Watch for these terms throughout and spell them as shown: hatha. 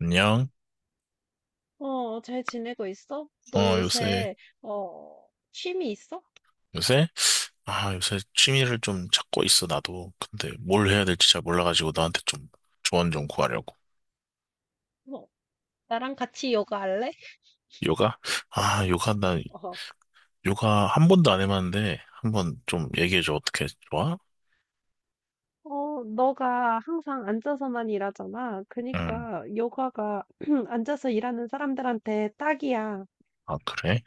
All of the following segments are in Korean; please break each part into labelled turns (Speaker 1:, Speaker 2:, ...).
Speaker 1: 안녕.
Speaker 2: 잘 지내고 있어? 너
Speaker 1: 어, 요새,
Speaker 2: 요새, 취미 있어?
Speaker 1: 요새? 아, 요새 취미를 좀 찾고 있어, 나도. 근데 뭘 해야 될지 잘 몰라가지고 나한테 좀 조언 좀 구하려고.
Speaker 2: 뭐, 나랑 같이 요가 할래?
Speaker 1: 요가? 아, 요가, 나
Speaker 2: 어,
Speaker 1: 요가 한 번도 안 해봤는데, 한 번 좀 얘기해줘. 어떻게 좋아?
Speaker 2: 너가 항상 앉아서만 일하잖아.
Speaker 1: 응.
Speaker 2: 그니까, 요가가 앉아서 일하는 사람들한테 딱이야.
Speaker 1: 아, 그래?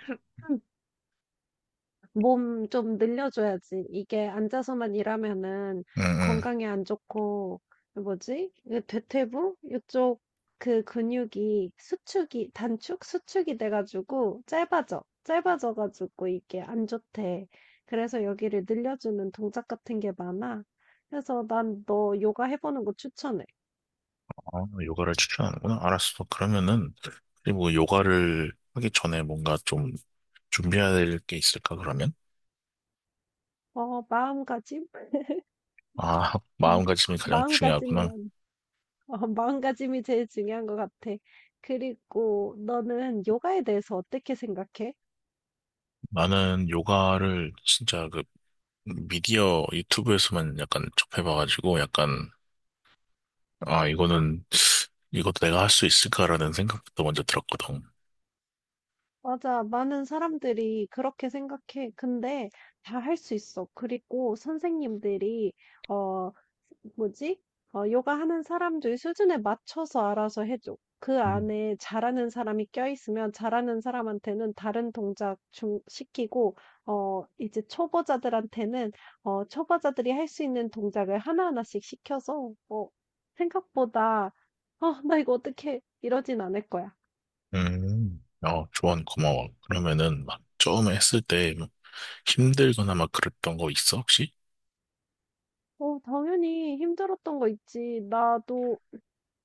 Speaker 2: 몸 좀 늘려줘야지. 이게 앉아서만 일하면은
Speaker 1: 응, 응.
Speaker 2: 건강에 안 좋고, 뭐지? 이 대퇴부? 이쪽 그 근육이 수축이, 단축? 수축이 돼가지고 짧아져. 짧아져가지고 이게 안 좋대. 그래서 여기를 늘려주는 동작 같은 게 많아. 그래서 난 너 요가 해보는 거 추천해.
Speaker 1: 아, 요가를 추천하는구나. 알았어. 그러면은, 그리고 요가를 하기 전에 뭔가 좀 준비해야 될 게 있을까, 그러면?
Speaker 2: 어, 마음가짐?
Speaker 1: 아, 마음가짐이 가장 중요하구나.
Speaker 2: 마음가짐만. 어, 마음가짐이 제일 중요한 것 같아. 그리고 너는 요가에 대해서 어떻게 생각해?
Speaker 1: 나는 요가를 진짜 그 미디어 유튜브에서만 약간 접해봐가지고 약간 아 이거는 이것도 내가 할 수 있을까라는 생각부터 먼저 들었거든.
Speaker 2: 맞아, 많은 사람들이 그렇게 생각해. 근데 다 할 수 있어. 그리고 선생님들이, 어, 뭐지? 요가 하는 사람들 수준에 맞춰서 알아서 해줘. 그
Speaker 1: 음.
Speaker 2: 안에 잘하는 사람이 껴있으면 잘하는 사람한테는 다른 동작 좀 시키고, 이제 초보자들한테는, 초보자들이 할 수 있는 동작을 하나하나씩 시켜서, 생각보다, 어, 나 이거 어떻게 이러진 않을 거야.
Speaker 1: 음. 어, 조언 고마워. 그러면은 막 처음에 했을 때 뭐 힘들거나 막 그랬던 거 있어 혹시?
Speaker 2: 당연히 힘들었던 거 있지. 나도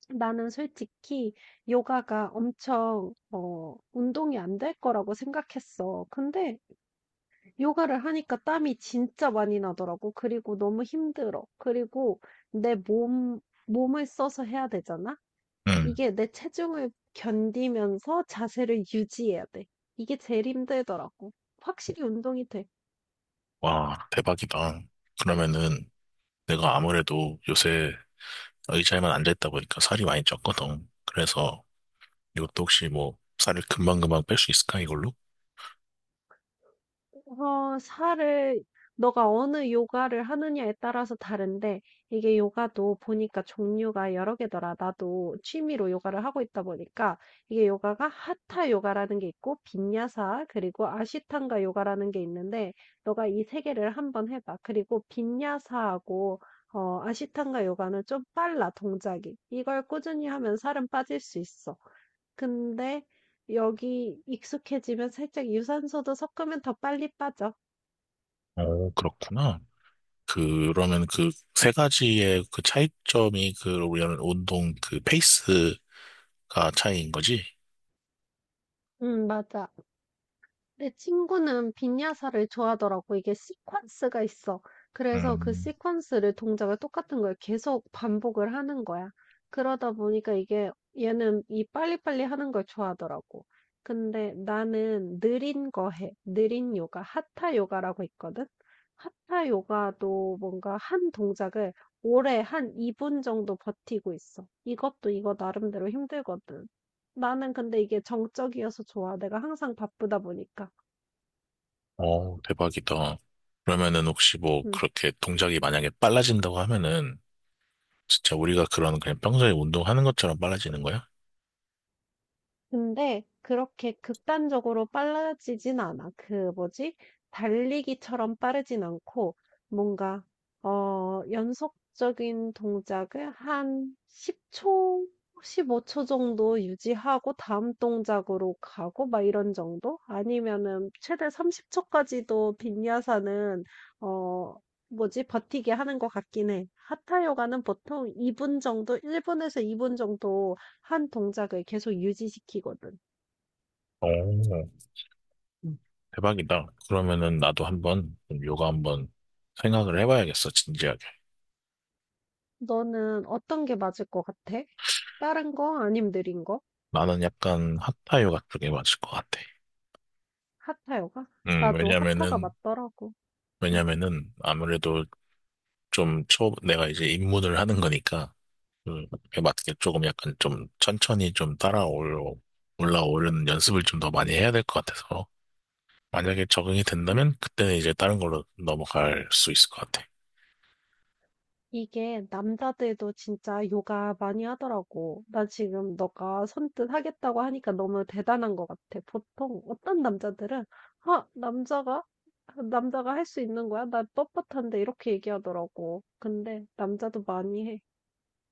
Speaker 2: 나는 솔직히 요가가 엄청 운동이 안 될 거라고 생각했어. 근데 요가를 하니까 땀이 진짜 많이 나더라고. 그리고 너무 힘들어. 그리고 내 몸, 몸을 써서 해야 되잖아?
Speaker 1: 응.
Speaker 2: 이게 내 체중을 견디면서 자세를 유지해야 돼. 이게 제일 힘들더라고. 확실히 운동이 돼.
Speaker 1: 와 대박이다. 그러면은 내가 아무래도 요새 의자에만 앉아있다 보니까 살이 많이 쪘거든. 그래서 이것도 혹시 뭐 살을 금방금방 뺄 수 있을까 이걸로?
Speaker 2: 살을 너가 어느 요가를 하느냐에 따라서 다른데 이게 요가도 보니까 종류가 여러 개더라. 나도 취미로 요가를 하고 있다 보니까 이게 요가가 하타 요가라는 게 있고 빈야사 그리고 아시탄가 요가라는 게 있는데 너가 이 세 개를 한번 해봐. 그리고 빈야사하고 아시탄가 요가는 좀 빨라 동작이. 이걸 꾸준히 하면 살은 빠질 수 있어. 근데 여기 익숙해지면 살짝 유산소도 섞으면 더 빨리 빠져.
Speaker 1: 어, 그렇구나. 그러면 그 세 가지의 그 차이점이 그 우리는 운동 그 페이스가 차이인 거지?
Speaker 2: 맞아. 내 친구는 빈야사를 좋아하더라고. 이게 시퀀스가 있어. 그래서 그
Speaker 1: 음,
Speaker 2: 시퀀스를 동작을 똑같은 걸 계속 반복을 하는 거야. 그러다 보니까 이게 얘는 이 빨리빨리 하는 걸 좋아하더라고. 근데 나는 느린 거 해. 느린 요가, 하타 요가라고 있거든. 하타 요가도 뭔가 한 동작을 오래 한 2분 정도 버티고 있어. 이것도 이거 나름대로 힘들거든. 나는 근데 이게 정적이어서 좋아. 내가 항상 바쁘다 보니까.
Speaker 1: 어, 대박이다. 그러면은 혹시 뭐
Speaker 2: 음.
Speaker 1: 그렇게 동작이 만약에 빨라진다고 하면은 진짜 우리가 그런 그냥 평소에 운동하는 것처럼 빨라지는 거야?
Speaker 2: 근데 그렇게 극단적으로 빨라지진 않아. 그 뭐지? 달리기처럼 빠르진 않고 뭔가 연속적인 동작을 한 10초, 15초 정도 유지하고 다음 동작으로 가고 막 이런 정도? 아니면은 최대 30초까지도 빈야사는 어 뭐지? 버티게 하는 것 같긴 해. 하타 요가는 보통 2분 정도, 1분에서 2분 정도 한 동작을 계속 유지시키거든.
Speaker 1: 오, 대박이다. 그러면은 나도 한번 좀 요가 한번 생각을 해봐야겠어, 진지하게.
Speaker 2: 너는 어떤 게 맞을 것 같아? 빠른 거? 아님 느린 거?
Speaker 1: 나는 약간 hatha 요가 쪽에 맞을 것 같아.
Speaker 2: 하타 요가? 나도 하타가
Speaker 1: 왜냐면은,
Speaker 2: 맞더라고. 응.
Speaker 1: 왜냐면은 아무래도 좀 초, 내가 이제 입문을 하는 거니까, 그에 맞게 조금 약간 좀 천천히 좀 따라올, 올라오는 연습을 좀 더 많이 해야 될 것 같아서. 만약에 적응이 된다면 그때는 이제 다른 걸로 넘어갈 수 있을 것 같아.
Speaker 2: 이게 남자들도 진짜 요가 많이 하더라고. 나 지금 너가 선뜻 하겠다고 하니까 너무 대단한 것 같아. 보통 어떤 남자들은, 아, 남자가? 남자가 할 수 있는 거야? 나 뻣뻣한데 이렇게 얘기하더라고. 근데 남자도 많이 해.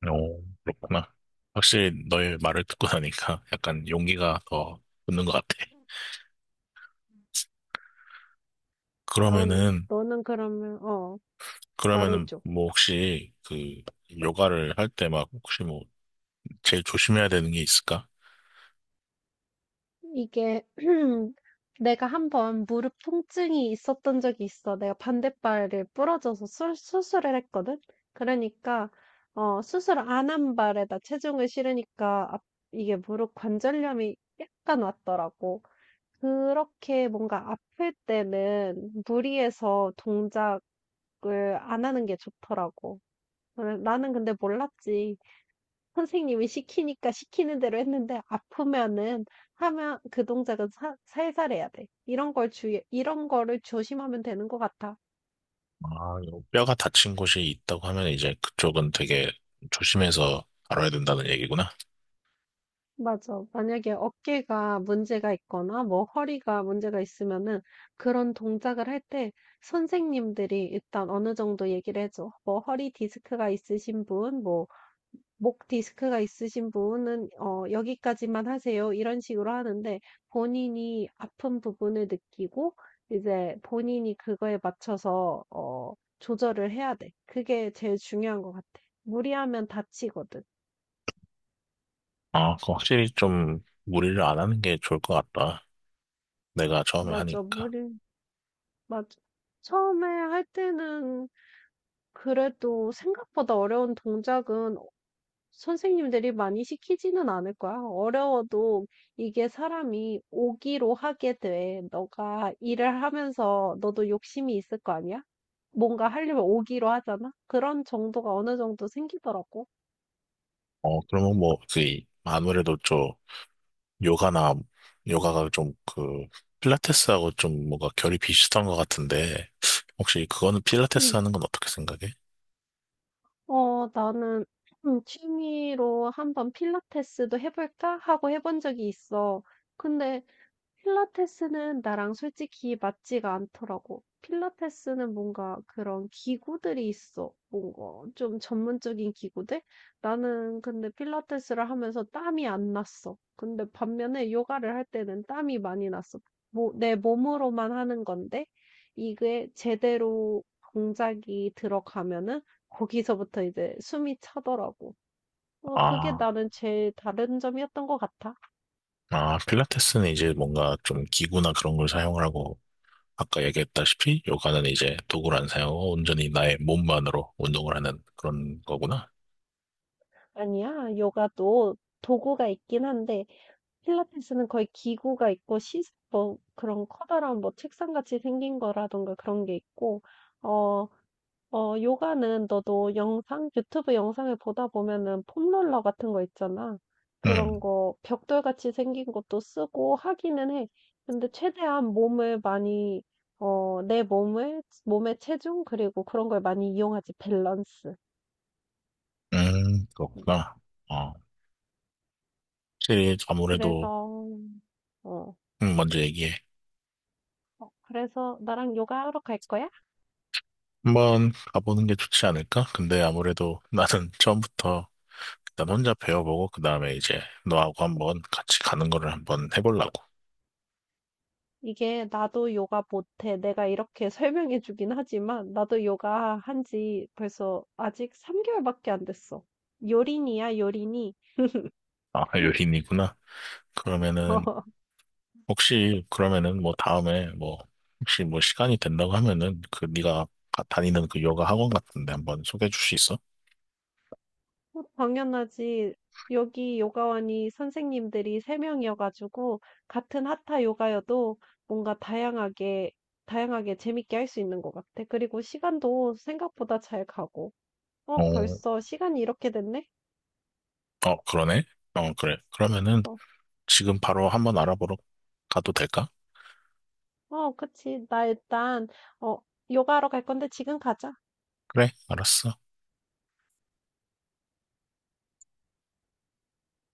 Speaker 1: 오, 그렇구나. 확실히 너의 말을 듣고 나니까 약간 용기가 더 붙는 것 같아.
Speaker 2: 넌,
Speaker 1: 그러면은,
Speaker 2: 너는 그러면,
Speaker 1: 그러면은
Speaker 2: 말해줘.
Speaker 1: 뭐 혹시 그 요가를 할 때 막 혹시 뭐 제일 조심해야 되는 게 있을까?
Speaker 2: 이게 내가 한번 무릎 통증이 있었던 적이 있어. 내가 반대발을 부러져서 수술을 했거든. 그러니까 수술 안 한 발에다 체중을 실으니까 앞- 이게 무릎 관절염이 약간 왔더라고. 그렇게 뭔가 아플 때는 무리해서 동작을 안 하는 게 좋더라고. 나는 근데 몰랐지. 선생님이 시키니까 시키는 대로 했는데 아프면은 하면 그 동작은 살살 해야 돼. 이런 걸 주의, 이런 거를 조심하면 되는 것 같아.
Speaker 1: 아, 요 뼈가 다친 곳이 있다고 하면 이제 그쪽은 되게 조심해서 다뤄야 된다는 얘기구나.
Speaker 2: 맞아. 만약에 어깨가 문제가 있거나 뭐 허리가 문제가 있으면은 그런 동작을 할 때 선생님들이 일단 어느 정도 얘기를 해줘. 뭐 허리 디스크가 있으신 분, 뭐 목 디스크가 있으신 분은 "여기까지만 하세요." 이런 식으로 하는데 본인이 아픈 부분을 느끼고 이제 본인이 그거에 맞춰서 조절을 해야 돼. 그게 제일 중요한 것 같아. 무리하면 다치거든.
Speaker 1: 아, 그 확실히 좀 무리를 안 하는 게 좋을 것 같다. 내가 처음에
Speaker 2: 맞아.
Speaker 1: 하니까.
Speaker 2: 무리 맞아. 처음에 할 때는 그래도 생각보다 어려운 동작은 선생님들이 많이 시키지는 않을 거야. 어려워도 이게 사람이 오기로 하게 돼. 너가 일을 하면서 너도 욕심이 있을 거 아니야? 뭔가 하려면 오기로 하잖아? 그런 정도가 어느 정도 생기더라고.
Speaker 1: 어, 그러면 뭐, 그, 아무래도 좀 요가나, 요가가 좀 그, 필라테스하고 좀 뭔가 결이 비슷한 것 같은데, 혹시 그거는 필라테스
Speaker 2: 음,
Speaker 1: 하는 건 어떻게 생각해?
Speaker 2: 나는 취미로 한번 필라테스도 해볼까? 하고 해본 적이 있어. 근데 필라테스는 나랑 솔직히 맞지가 않더라고. 필라테스는 뭔가 그런 기구들이 있어. 뭔가 좀 전문적인 기구들? 나는 근데 필라테스를 하면서 땀이 안 났어. 근데 반면에 요가를 할 때는 땀이 많이 났어. 뭐, 내 몸으로만 하는 건데, 이게 제대로 동작이 들어가면은 거기서부터 이제 숨이 차더라고. 그게
Speaker 1: 아,
Speaker 2: 나는 제일 다른 점이었던 것 같아.
Speaker 1: 아, 필라테스는 이제 뭔가 좀 기구나 그런 걸 사용을 하고, 아까 얘기했다시피 요가는 이제 도구를 안 사용하고 온전히 나의 몸만으로 운동을 하는 그런 거구나.
Speaker 2: 아니야. 요가도 도구가 있긴 한데 필라테스는 거의 기구가 있고 뭐 그런 커다란 뭐 책상같이 생긴 거라던가 그런 게 있고 어, 요가는 너도 영상, 유튜브 영상을 보다 보면은 폼롤러 같은 거 있잖아. 그런
Speaker 1: 음,
Speaker 2: 거 벽돌같이 생긴 것도 쓰고 하기는 해. 근데 최대한 몸을 많이 내 몸을 몸의 체중 그리고 그런 걸 많이 이용하지 밸런스. 음,
Speaker 1: 그렇구나. 어, 확실히 아무래도,
Speaker 2: 그래서 어.
Speaker 1: 먼저 얘기해.
Speaker 2: 그래서 나랑 요가하러 갈 거야?
Speaker 1: 한번 가보는 게 좋지 않을까? 근데 아무래도 나는 처음부터 일단 혼자 배워보고 그 다음에 이제 너하고 한번 같이 가는 거를 한번 해보려고.
Speaker 2: 이게 나도 요가 못해. 내가 이렇게 설명해 주긴 하지만 나도 요가 한지 벌써 아직 3개월밖에 안 됐어. 요린이야, 요린이.
Speaker 1: 아, 요린이구나. 그러면은 혹시 그러면은 뭐 다음에 뭐 혹시 뭐 시간이 된다고 하면은 그 네가 다니는 그 요가 학원 같은데 한번 소개해 줄 수 있어?
Speaker 2: 당연하지. 여기 요가원이 선생님들이 3명이어가지고 같은 하타 요가여도 뭔가 다양하게, 다양하게 재밌게 할 수 있는 것 같아. 그리고 시간도 생각보다 잘 가고.
Speaker 1: 어,
Speaker 2: 벌써 시간이 이렇게 됐네?
Speaker 1: 어, 그러네. 어, 그래. 그러면은
Speaker 2: 어.
Speaker 1: 지금 바로 한번 알아보러 가도 될까?
Speaker 2: 어 그치. 나 일단 어 요가하러 갈 건데 지금 가자.
Speaker 1: 그래, 알았어.